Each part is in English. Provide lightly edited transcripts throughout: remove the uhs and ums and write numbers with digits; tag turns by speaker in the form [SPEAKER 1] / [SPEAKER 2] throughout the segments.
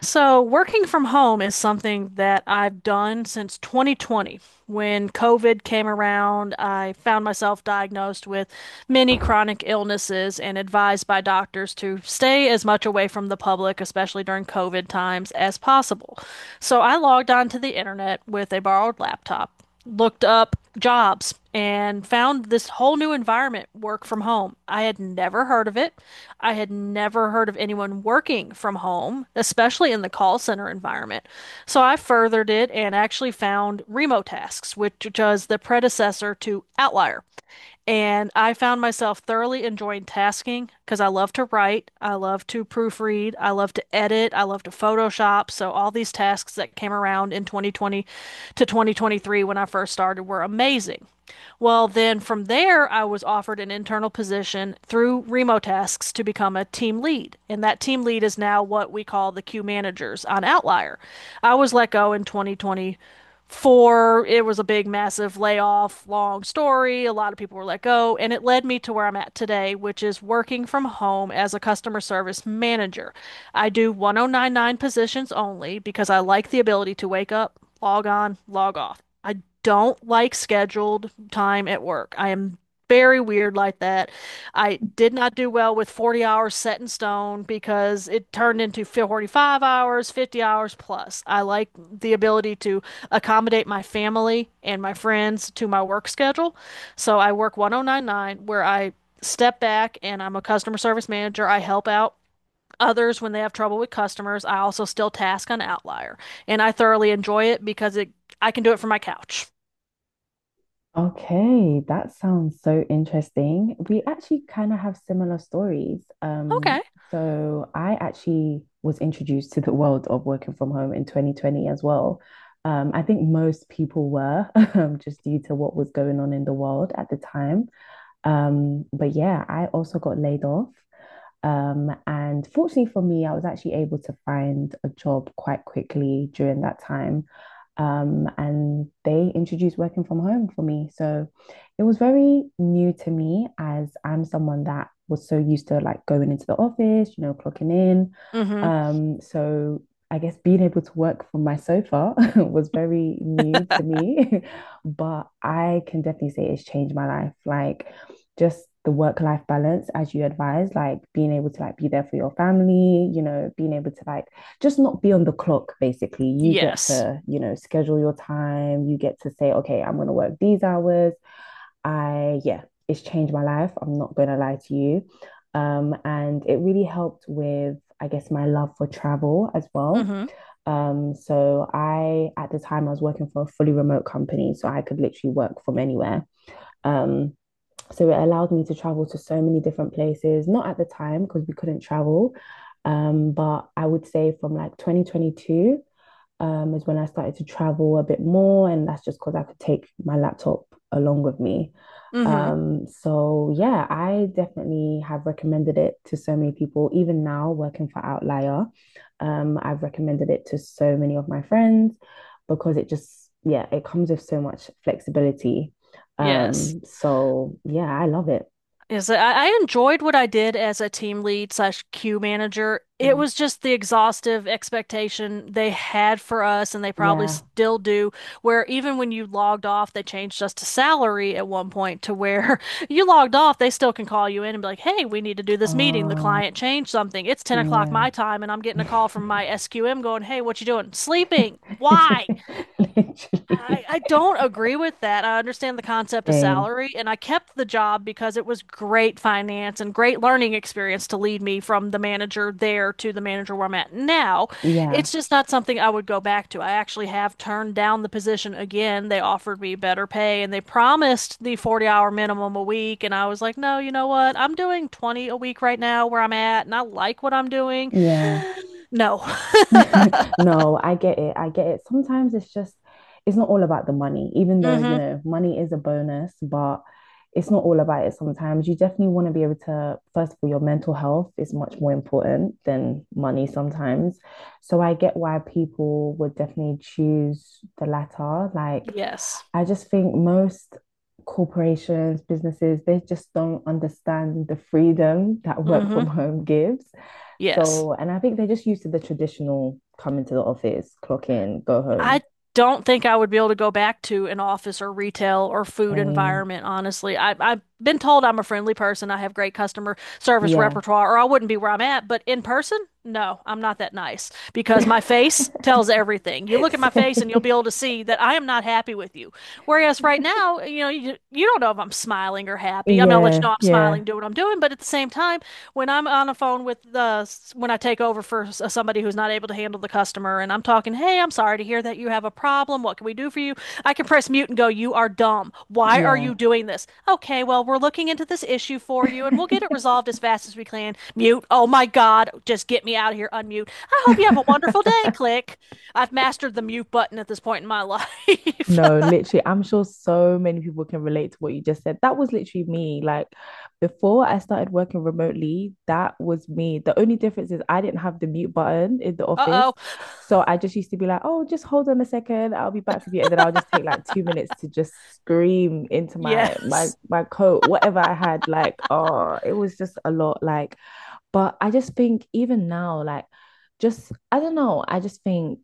[SPEAKER 1] So, working from home is something that I've done since 2020. When COVID came around, I found myself diagnosed with many chronic illnesses and advised by doctors to stay as much away from the public, especially during COVID times, as possible. So, I logged onto the internet with a borrowed laptop, looked up jobs, and found this whole new environment, work from home. I had never heard of it. I had never heard of anyone working from home, especially in the call center environment. So I furthered it and actually found Remotasks, which was the predecessor to Outlier. And I found myself thoroughly enjoying tasking because I love to write, I love to proofread, I love to edit, I love to Photoshop. So all these tasks that came around in 2020 to 2023 when I first started were amazing. Well, then from there, I was offered an internal position through Remo Tasks to become a team lead. And that team lead is now what we call the queue managers on Outlier. I was let go in 2020. For it was a big, massive layoff, long story. A lot of people were let go, and it led me to where I'm at today, which is working from home as a customer service manager. I do 1099 positions only because I like the ability to wake up, log on, log off. I don't like scheduled time at work. I am very weird like that. I did not do well with 40 hours set in stone because it turned into 45 hours, 50 hours plus. I like the ability to accommodate my family and my friends to my work schedule. So I work 1099 where I step back and I'm a customer service manager. I help out others when they have trouble with customers. I also still task on Outlier and I thoroughly enjoy it because it I can do it from my couch.
[SPEAKER 2] Okay, that sounds so interesting. We actually kind of have similar stories. Um,
[SPEAKER 1] Okay.
[SPEAKER 2] so I actually was introduced to the world of working from home in 2020 as well. I think most people were, just due to what was going on in the world at the time. But yeah, I also got laid off. And fortunately for me, I was actually able to find a job quite quickly during that time. And they introduced working from home for me. So it was very new to me as I'm someone that was so used to like going into the office, you know, clocking in.
[SPEAKER 1] Mm-hmm.
[SPEAKER 2] So I guess being able to work from my sofa was very new to me, but I can definitely say it's changed my life. Like just the work life balance as you advise, like being able to like be there for your family, you know, being able to like just not be on the clock basically. You get
[SPEAKER 1] Yes.
[SPEAKER 2] to, you know, schedule your time. You get to say, okay, I'm going to work these hours. I yeah it's changed my life. I'm not going to lie to you. And it really helped with I guess my love for travel as well.
[SPEAKER 1] Mm-hmm.
[SPEAKER 2] So I, at the time, I was working for a fully remote company, so I could literally work from anywhere. Um, so it allowed me to travel to so many different places, not at the time because we couldn't travel. But I would say from like 2022, is when I started to travel a bit more. And that's just because I could take my laptop along with me.
[SPEAKER 1] Mm-hmm.
[SPEAKER 2] So yeah, I definitely have recommended it to so many people. Even now, working for Outlier, I've recommended it to so many of my friends because it just, yeah, it comes with so much flexibility.
[SPEAKER 1] Yes.
[SPEAKER 2] So yeah, I love it.
[SPEAKER 1] Is that I enjoyed what I did as a team lead slash queue manager. It
[SPEAKER 2] Mm.
[SPEAKER 1] was just the exhaustive expectation they had for us, and they probably
[SPEAKER 2] Yeah.
[SPEAKER 1] still do, where even when you logged off, they changed us to salary at one point to where you logged off, they still can call you in and be like, hey, we need to do this meeting. The
[SPEAKER 2] Oh,
[SPEAKER 1] client changed something. It's 10 o'clock
[SPEAKER 2] yeah.
[SPEAKER 1] my time, and I'm getting a call from my SQM going, hey, what you doing? Sleeping. Why? I,
[SPEAKER 2] Literally.
[SPEAKER 1] I don't agree with that. I understand the concept of
[SPEAKER 2] Same.
[SPEAKER 1] salary, and I kept the job because it was great finance and great learning experience to lead me from the manager there to the manager where I'm at now.
[SPEAKER 2] Yeah.
[SPEAKER 1] It's just not something I would go back to. I actually have turned down the position again. They offered me better pay and they promised the 40-hour minimum a week. And I was like, no, you know what? I'm doing 20 a week right now where I'm at, and I like what I'm doing.
[SPEAKER 2] Yeah.
[SPEAKER 1] No.
[SPEAKER 2] No, I get it. I get it. Sometimes it's just, it's not all about the money, even though, you
[SPEAKER 1] Mm-hmm.
[SPEAKER 2] know, money is a bonus, but it's not all about it sometimes. You definitely want to be able to, first of all, your mental health is much more important than money sometimes. So I get why people would definitely choose the latter. Like,
[SPEAKER 1] Yes.
[SPEAKER 2] I just think most corporations, businesses, they just don't understand the freedom that work
[SPEAKER 1] Mm-hmm.
[SPEAKER 2] from home gives.
[SPEAKER 1] Yes.
[SPEAKER 2] So, and I think they're just used to the traditional come into the office, clock in, go home.
[SPEAKER 1] I don't think I would be able to go back to an office or retail or food
[SPEAKER 2] Um,
[SPEAKER 1] environment, honestly. I've been told I'm a friendly person. I have great customer service
[SPEAKER 2] yeah.
[SPEAKER 1] repertoire, or I wouldn't be where I'm at. But in person, no, I'm not that nice because my face tells everything. You look at my face and you'll be
[SPEAKER 2] Same.
[SPEAKER 1] able to see that I am not happy with you. Whereas right now, you know, you don't know if I'm smiling or happy. I mean, I'll let you
[SPEAKER 2] Yeah,
[SPEAKER 1] know I'm
[SPEAKER 2] yeah,
[SPEAKER 1] smiling, do what I'm doing, but at the same time, when I'm on a phone with the when I take over for somebody who's not able to handle the customer and I'm talking, "Hey, I'm sorry to hear that you have a problem. What can we do for you?" I can press mute and go, "You are dumb. Why are
[SPEAKER 2] yeah.
[SPEAKER 1] you doing this?" "Okay, well, we're looking into this issue for you and we'll get it resolved as fast as we can." Mute. "Oh my God, just get me out of here. Unmute. I hope you have a wonderful day." Click. I've mastered the mute button at this point in my life.
[SPEAKER 2] No, literally, I'm sure so many people can relate to what you just said. That was literally me. Like before I started working remotely, that was me. The only difference is I didn't have the mute button in the office.
[SPEAKER 1] Uh-oh.
[SPEAKER 2] So I just used to be like, oh, just hold on a second, I'll be back with you. And then I'll just take like 2 minutes to just scream into my my
[SPEAKER 1] Yes.
[SPEAKER 2] my coat, whatever I had. Like, oh, it was just a lot. Like, but I just think even now, like just I don't know, I just think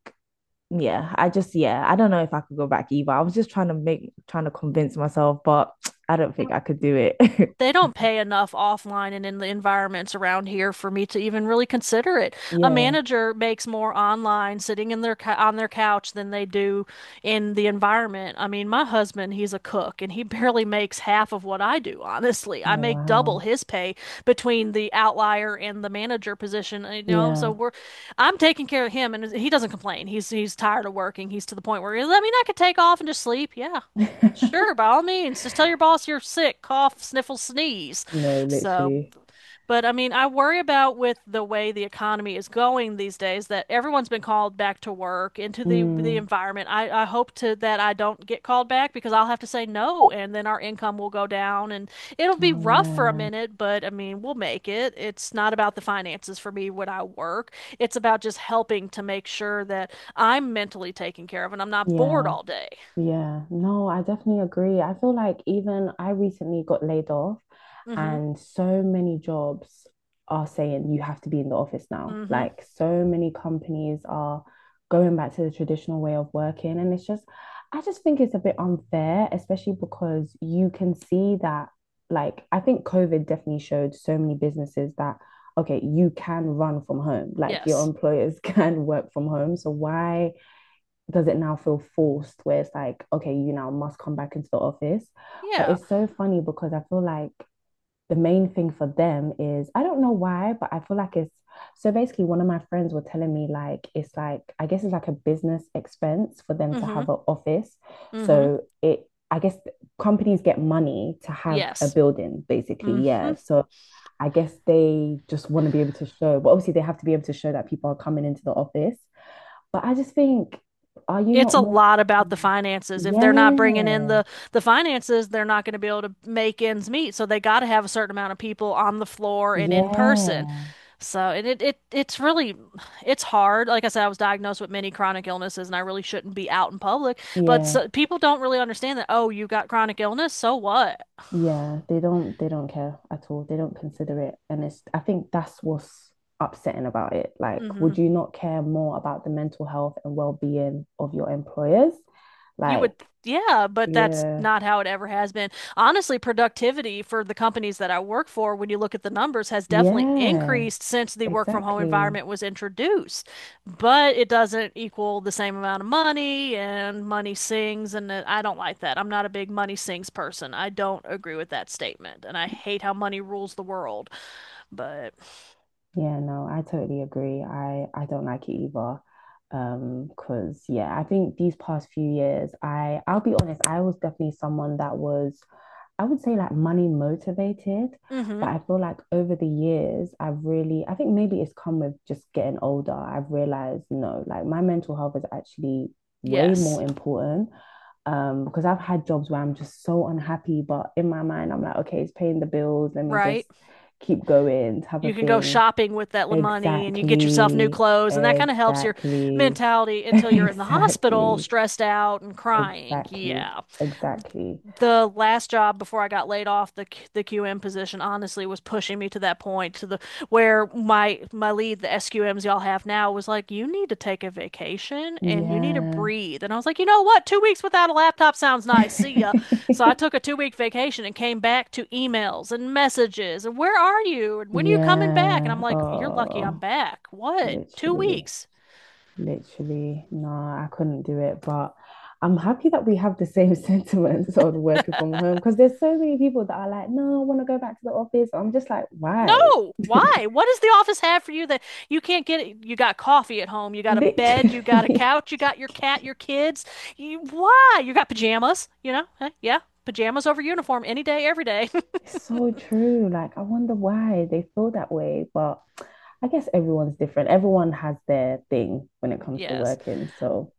[SPEAKER 2] yeah, I just yeah, I don't know if I could go back either. I was just trying to make trying to convince myself, but I don't think I could do it.
[SPEAKER 1] They don't pay enough offline and in the environments around here for me to even really consider it. A
[SPEAKER 2] Yeah.
[SPEAKER 1] manager makes more online sitting in their on their couch than they do in the environment. I mean, my husband, he's a cook and he barely makes half of what I do, honestly. I
[SPEAKER 2] Oh,
[SPEAKER 1] make double
[SPEAKER 2] wow.
[SPEAKER 1] his pay between the outlier and the manager position, you know,
[SPEAKER 2] Yeah.
[SPEAKER 1] so we're I'm taking care of him and he doesn't complain. He's tired of working. He's to the point where he's, I mean, I could take off and just sleep. Yeah. Sure, by all means, just tell your boss you're sick, cough, sniffle, sneeze.
[SPEAKER 2] No,
[SPEAKER 1] So,
[SPEAKER 2] literally.
[SPEAKER 1] but I mean, I worry about with the way the economy is going these days that everyone's been called back to work into the
[SPEAKER 2] Mm.
[SPEAKER 1] environment. I hope to that I don't get called back because I'll have to say no, and then our income will go down, and it'll be
[SPEAKER 2] Oh,
[SPEAKER 1] rough for a
[SPEAKER 2] yeah.
[SPEAKER 1] minute, but I mean, we'll make it. It's not about the finances for me when I work. It's about just helping to make sure that I'm mentally taken care of and I'm not bored
[SPEAKER 2] Yeah.
[SPEAKER 1] all day.
[SPEAKER 2] Yeah, no, I definitely agree. I feel like even I recently got laid off,
[SPEAKER 1] Mm-hmm.
[SPEAKER 2] and so many jobs are saying you have to be in the office now.
[SPEAKER 1] Mm-hmm.
[SPEAKER 2] Like, so many companies are going back to the traditional way of working. And it's just, I just think it's a bit unfair, especially because you can see that, like, I think COVID definitely showed so many businesses that, okay, you can run from home, like, your
[SPEAKER 1] Yes.
[SPEAKER 2] employers can work from home. So, why does it now feel forced where it's like, okay, you now must come back into the office? But
[SPEAKER 1] Yeah.
[SPEAKER 2] it's so funny because I feel like the main thing for them is I don't know why, but I feel like it's so basically one of my friends were telling me like it's like I guess it's like a business expense for them to
[SPEAKER 1] Mm-hmm.
[SPEAKER 2] have an office.
[SPEAKER 1] Mm-hmm.
[SPEAKER 2] So it I guess companies get money to have a
[SPEAKER 1] Yes.
[SPEAKER 2] building basically, yeah.
[SPEAKER 1] Mm-hmm.
[SPEAKER 2] So I guess they just want to be able to show, but obviously they have to be able to show that people are coming into the office. But I just think, are you
[SPEAKER 1] It's
[SPEAKER 2] not
[SPEAKER 1] a
[SPEAKER 2] more?
[SPEAKER 1] lot about the
[SPEAKER 2] Mm.
[SPEAKER 1] finances. If they're not bringing in
[SPEAKER 2] Yeah,
[SPEAKER 1] the finances, they're not going to be able to make ends meet. So they got to have a certain amount of people on the floor and in
[SPEAKER 2] yeah,
[SPEAKER 1] person. So and it it's really it's hard. Like I said, I was diagnosed with many chronic illnesses, and I really shouldn't be out in public. But
[SPEAKER 2] yeah,
[SPEAKER 1] so, people don't really understand that. Oh, you got chronic illness, so what?
[SPEAKER 2] yeah. They don't care at all. They don't consider it, and it's. I think that's what's upsetting about it. Like,
[SPEAKER 1] Mm-hmm.
[SPEAKER 2] would you not care more about the mental health and well-being of your employers?
[SPEAKER 1] You
[SPEAKER 2] Like,
[SPEAKER 1] would, yeah, but that's
[SPEAKER 2] yeah,
[SPEAKER 1] not how it ever has been. Honestly, productivity for the companies that I work for, when you look at the numbers, has definitely
[SPEAKER 2] yeah,
[SPEAKER 1] increased since the work from home
[SPEAKER 2] exactly.
[SPEAKER 1] environment was introduced. But it doesn't equal the same amount of money, and money sings, and I don't like that. I'm not a big money sings person. I don't agree with that statement, and I hate how money rules the world. But,
[SPEAKER 2] Yeah, no, I totally agree. I don't like it either. Because yeah, I think these past few years, I'll be honest, I was definitely someone that was, I would say like money motivated,
[SPEAKER 1] mm-hmm,
[SPEAKER 2] but I feel like over the years, I've really, I think maybe it's come with just getting older. I've realized no, like my mental health is actually way more
[SPEAKER 1] yes,
[SPEAKER 2] important. Because I've had jobs where I'm just so unhappy, but in my mind, I'm like, okay, it's paying the bills. Let me just
[SPEAKER 1] right.
[SPEAKER 2] keep going, type
[SPEAKER 1] You
[SPEAKER 2] of
[SPEAKER 1] can go
[SPEAKER 2] thing.
[SPEAKER 1] shopping with that money and you get yourself new
[SPEAKER 2] Exactly,
[SPEAKER 1] clothes and that kind of helps your
[SPEAKER 2] exactly,
[SPEAKER 1] mentality until you're in the hospital
[SPEAKER 2] exactly,
[SPEAKER 1] stressed out and crying.
[SPEAKER 2] exactly,
[SPEAKER 1] Yeah.
[SPEAKER 2] exactly.
[SPEAKER 1] The last job before I got laid off, the QM position honestly was pushing me to that point to the where my lead, the SQMs y'all have now, was like, you need to take a vacation and you need to
[SPEAKER 2] Yeah.
[SPEAKER 1] breathe. And I was like, you know what? 2 weeks without a laptop sounds nice. See ya. So I took a 2 week vacation and came back to emails and messages and where are you? And when are you coming back? And
[SPEAKER 2] Yeah.
[SPEAKER 1] I'm like, you're lucky I'm
[SPEAKER 2] Oh,
[SPEAKER 1] back. What? Two
[SPEAKER 2] literally,
[SPEAKER 1] weeks?
[SPEAKER 2] literally. No, I couldn't do it. But I'm happy that we have the same sentiments on working from home because there's so many people that are like, no, I want to go back to the office. I'm just like, why?
[SPEAKER 1] No. Why? What does the office have for you that you can't get it? You got coffee at home, you got a bed, you got a
[SPEAKER 2] Literally.
[SPEAKER 1] couch, you got your cat, your kids. You, why? You got pajamas, you know? Huh? Yeah. Pajamas over uniform any day, every day.
[SPEAKER 2] It's so true. Like, I wonder why they feel that way. But I guess everyone's different. Everyone has their thing when it comes to
[SPEAKER 1] Yes.
[SPEAKER 2] working. So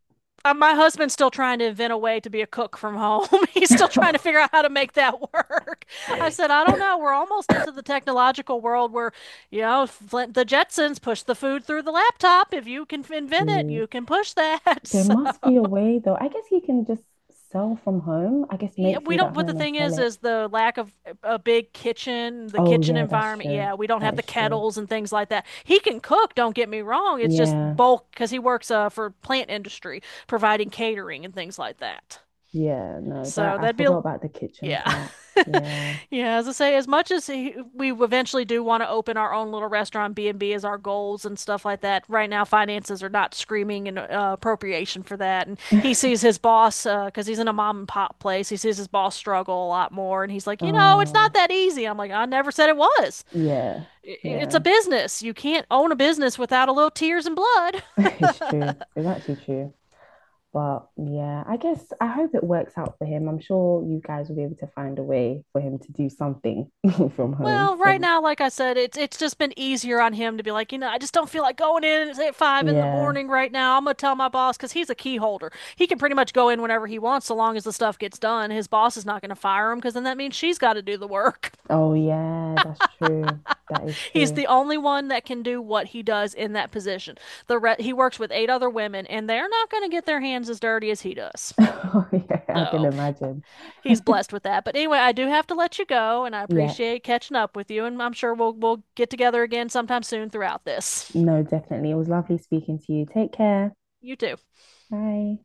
[SPEAKER 1] My husband's still trying to invent a way to be a cook from home. He's still
[SPEAKER 2] true,
[SPEAKER 1] trying to figure out how to make that work. I said, I don't know. We're almost into the technological world where, you know, Flint, the Jetsons push the food through the laptop. If you can invent it, you can push that.
[SPEAKER 2] there
[SPEAKER 1] So,
[SPEAKER 2] must be a way, though. I guess you can just sell from home. I guess
[SPEAKER 1] yeah,
[SPEAKER 2] make
[SPEAKER 1] we
[SPEAKER 2] food at
[SPEAKER 1] don't. But the
[SPEAKER 2] home and
[SPEAKER 1] thing
[SPEAKER 2] sell it.
[SPEAKER 1] is the lack of a big kitchen, the
[SPEAKER 2] Oh,
[SPEAKER 1] kitchen
[SPEAKER 2] yeah, that's
[SPEAKER 1] environment.
[SPEAKER 2] true.
[SPEAKER 1] Yeah, we don't
[SPEAKER 2] That
[SPEAKER 1] have the
[SPEAKER 2] is true.
[SPEAKER 1] kettles and things like that. He can cook. Don't get me wrong. It's just
[SPEAKER 2] Yeah.
[SPEAKER 1] bulk because he works for plant industry, providing catering and things like that.
[SPEAKER 2] Yeah. No,
[SPEAKER 1] So
[SPEAKER 2] that I
[SPEAKER 1] that'd be
[SPEAKER 2] forgot
[SPEAKER 1] a,
[SPEAKER 2] about the kitchen
[SPEAKER 1] yeah.
[SPEAKER 2] part. Yeah.
[SPEAKER 1] Yeah, as I say, as much as he, we eventually do want to open our own little restaurant, B&B is our goals and stuff like that. Right now, finances are not screaming in appropriation for that. And he sees his boss, because he's in a mom and pop place, he sees his boss struggle a lot more. And he's like, you know, it's not
[SPEAKER 2] Oh,
[SPEAKER 1] that easy. I'm like, I never said it was.
[SPEAKER 2] yeah.
[SPEAKER 1] It's a
[SPEAKER 2] Yeah.
[SPEAKER 1] business. You can't own a business without a little tears and blood.
[SPEAKER 2] It's true. It's actually true. But yeah, I guess I hope it works out for him. I'm sure you guys will be able to find a way for him to do something from home.
[SPEAKER 1] Well, right
[SPEAKER 2] So
[SPEAKER 1] now, like I said, it's just been easier on him to be like, you know, I just don't feel like going in at five in the
[SPEAKER 2] yeah.
[SPEAKER 1] morning right now. I'm gonna tell my boss because he's a key holder. He can pretty much go in whenever he wants, so long as the stuff gets done. His boss is not gonna fire him because then that means she's got to do the work.
[SPEAKER 2] Oh yeah, that's true. That is
[SPEAKER 1] He's
[SPEAKER 2] true.
[SPEAKER 1] the only one that can do what he does in that position. The re he works with eight other women, and they're not gonna get their hands as dirty as he does.
[SPEAKER 2] Oh yeah, I can
[SPEAKER 1] So
[SPEAKER 2] imagine.
[SPEAKER 1] he's blessed with that. But anyway, I do have to let you go, and I
[SPEAKER 2] Yeah,
[SPEAKER 1] appreciate catching up with you, and I'm sure we'll get together again sometime soon throughout this.
[SPEAKER 2] no, definitely. It was lovely speaking to you. Take care.
[SPEAKER 1] You too.
[SPEAKER 2] Bye.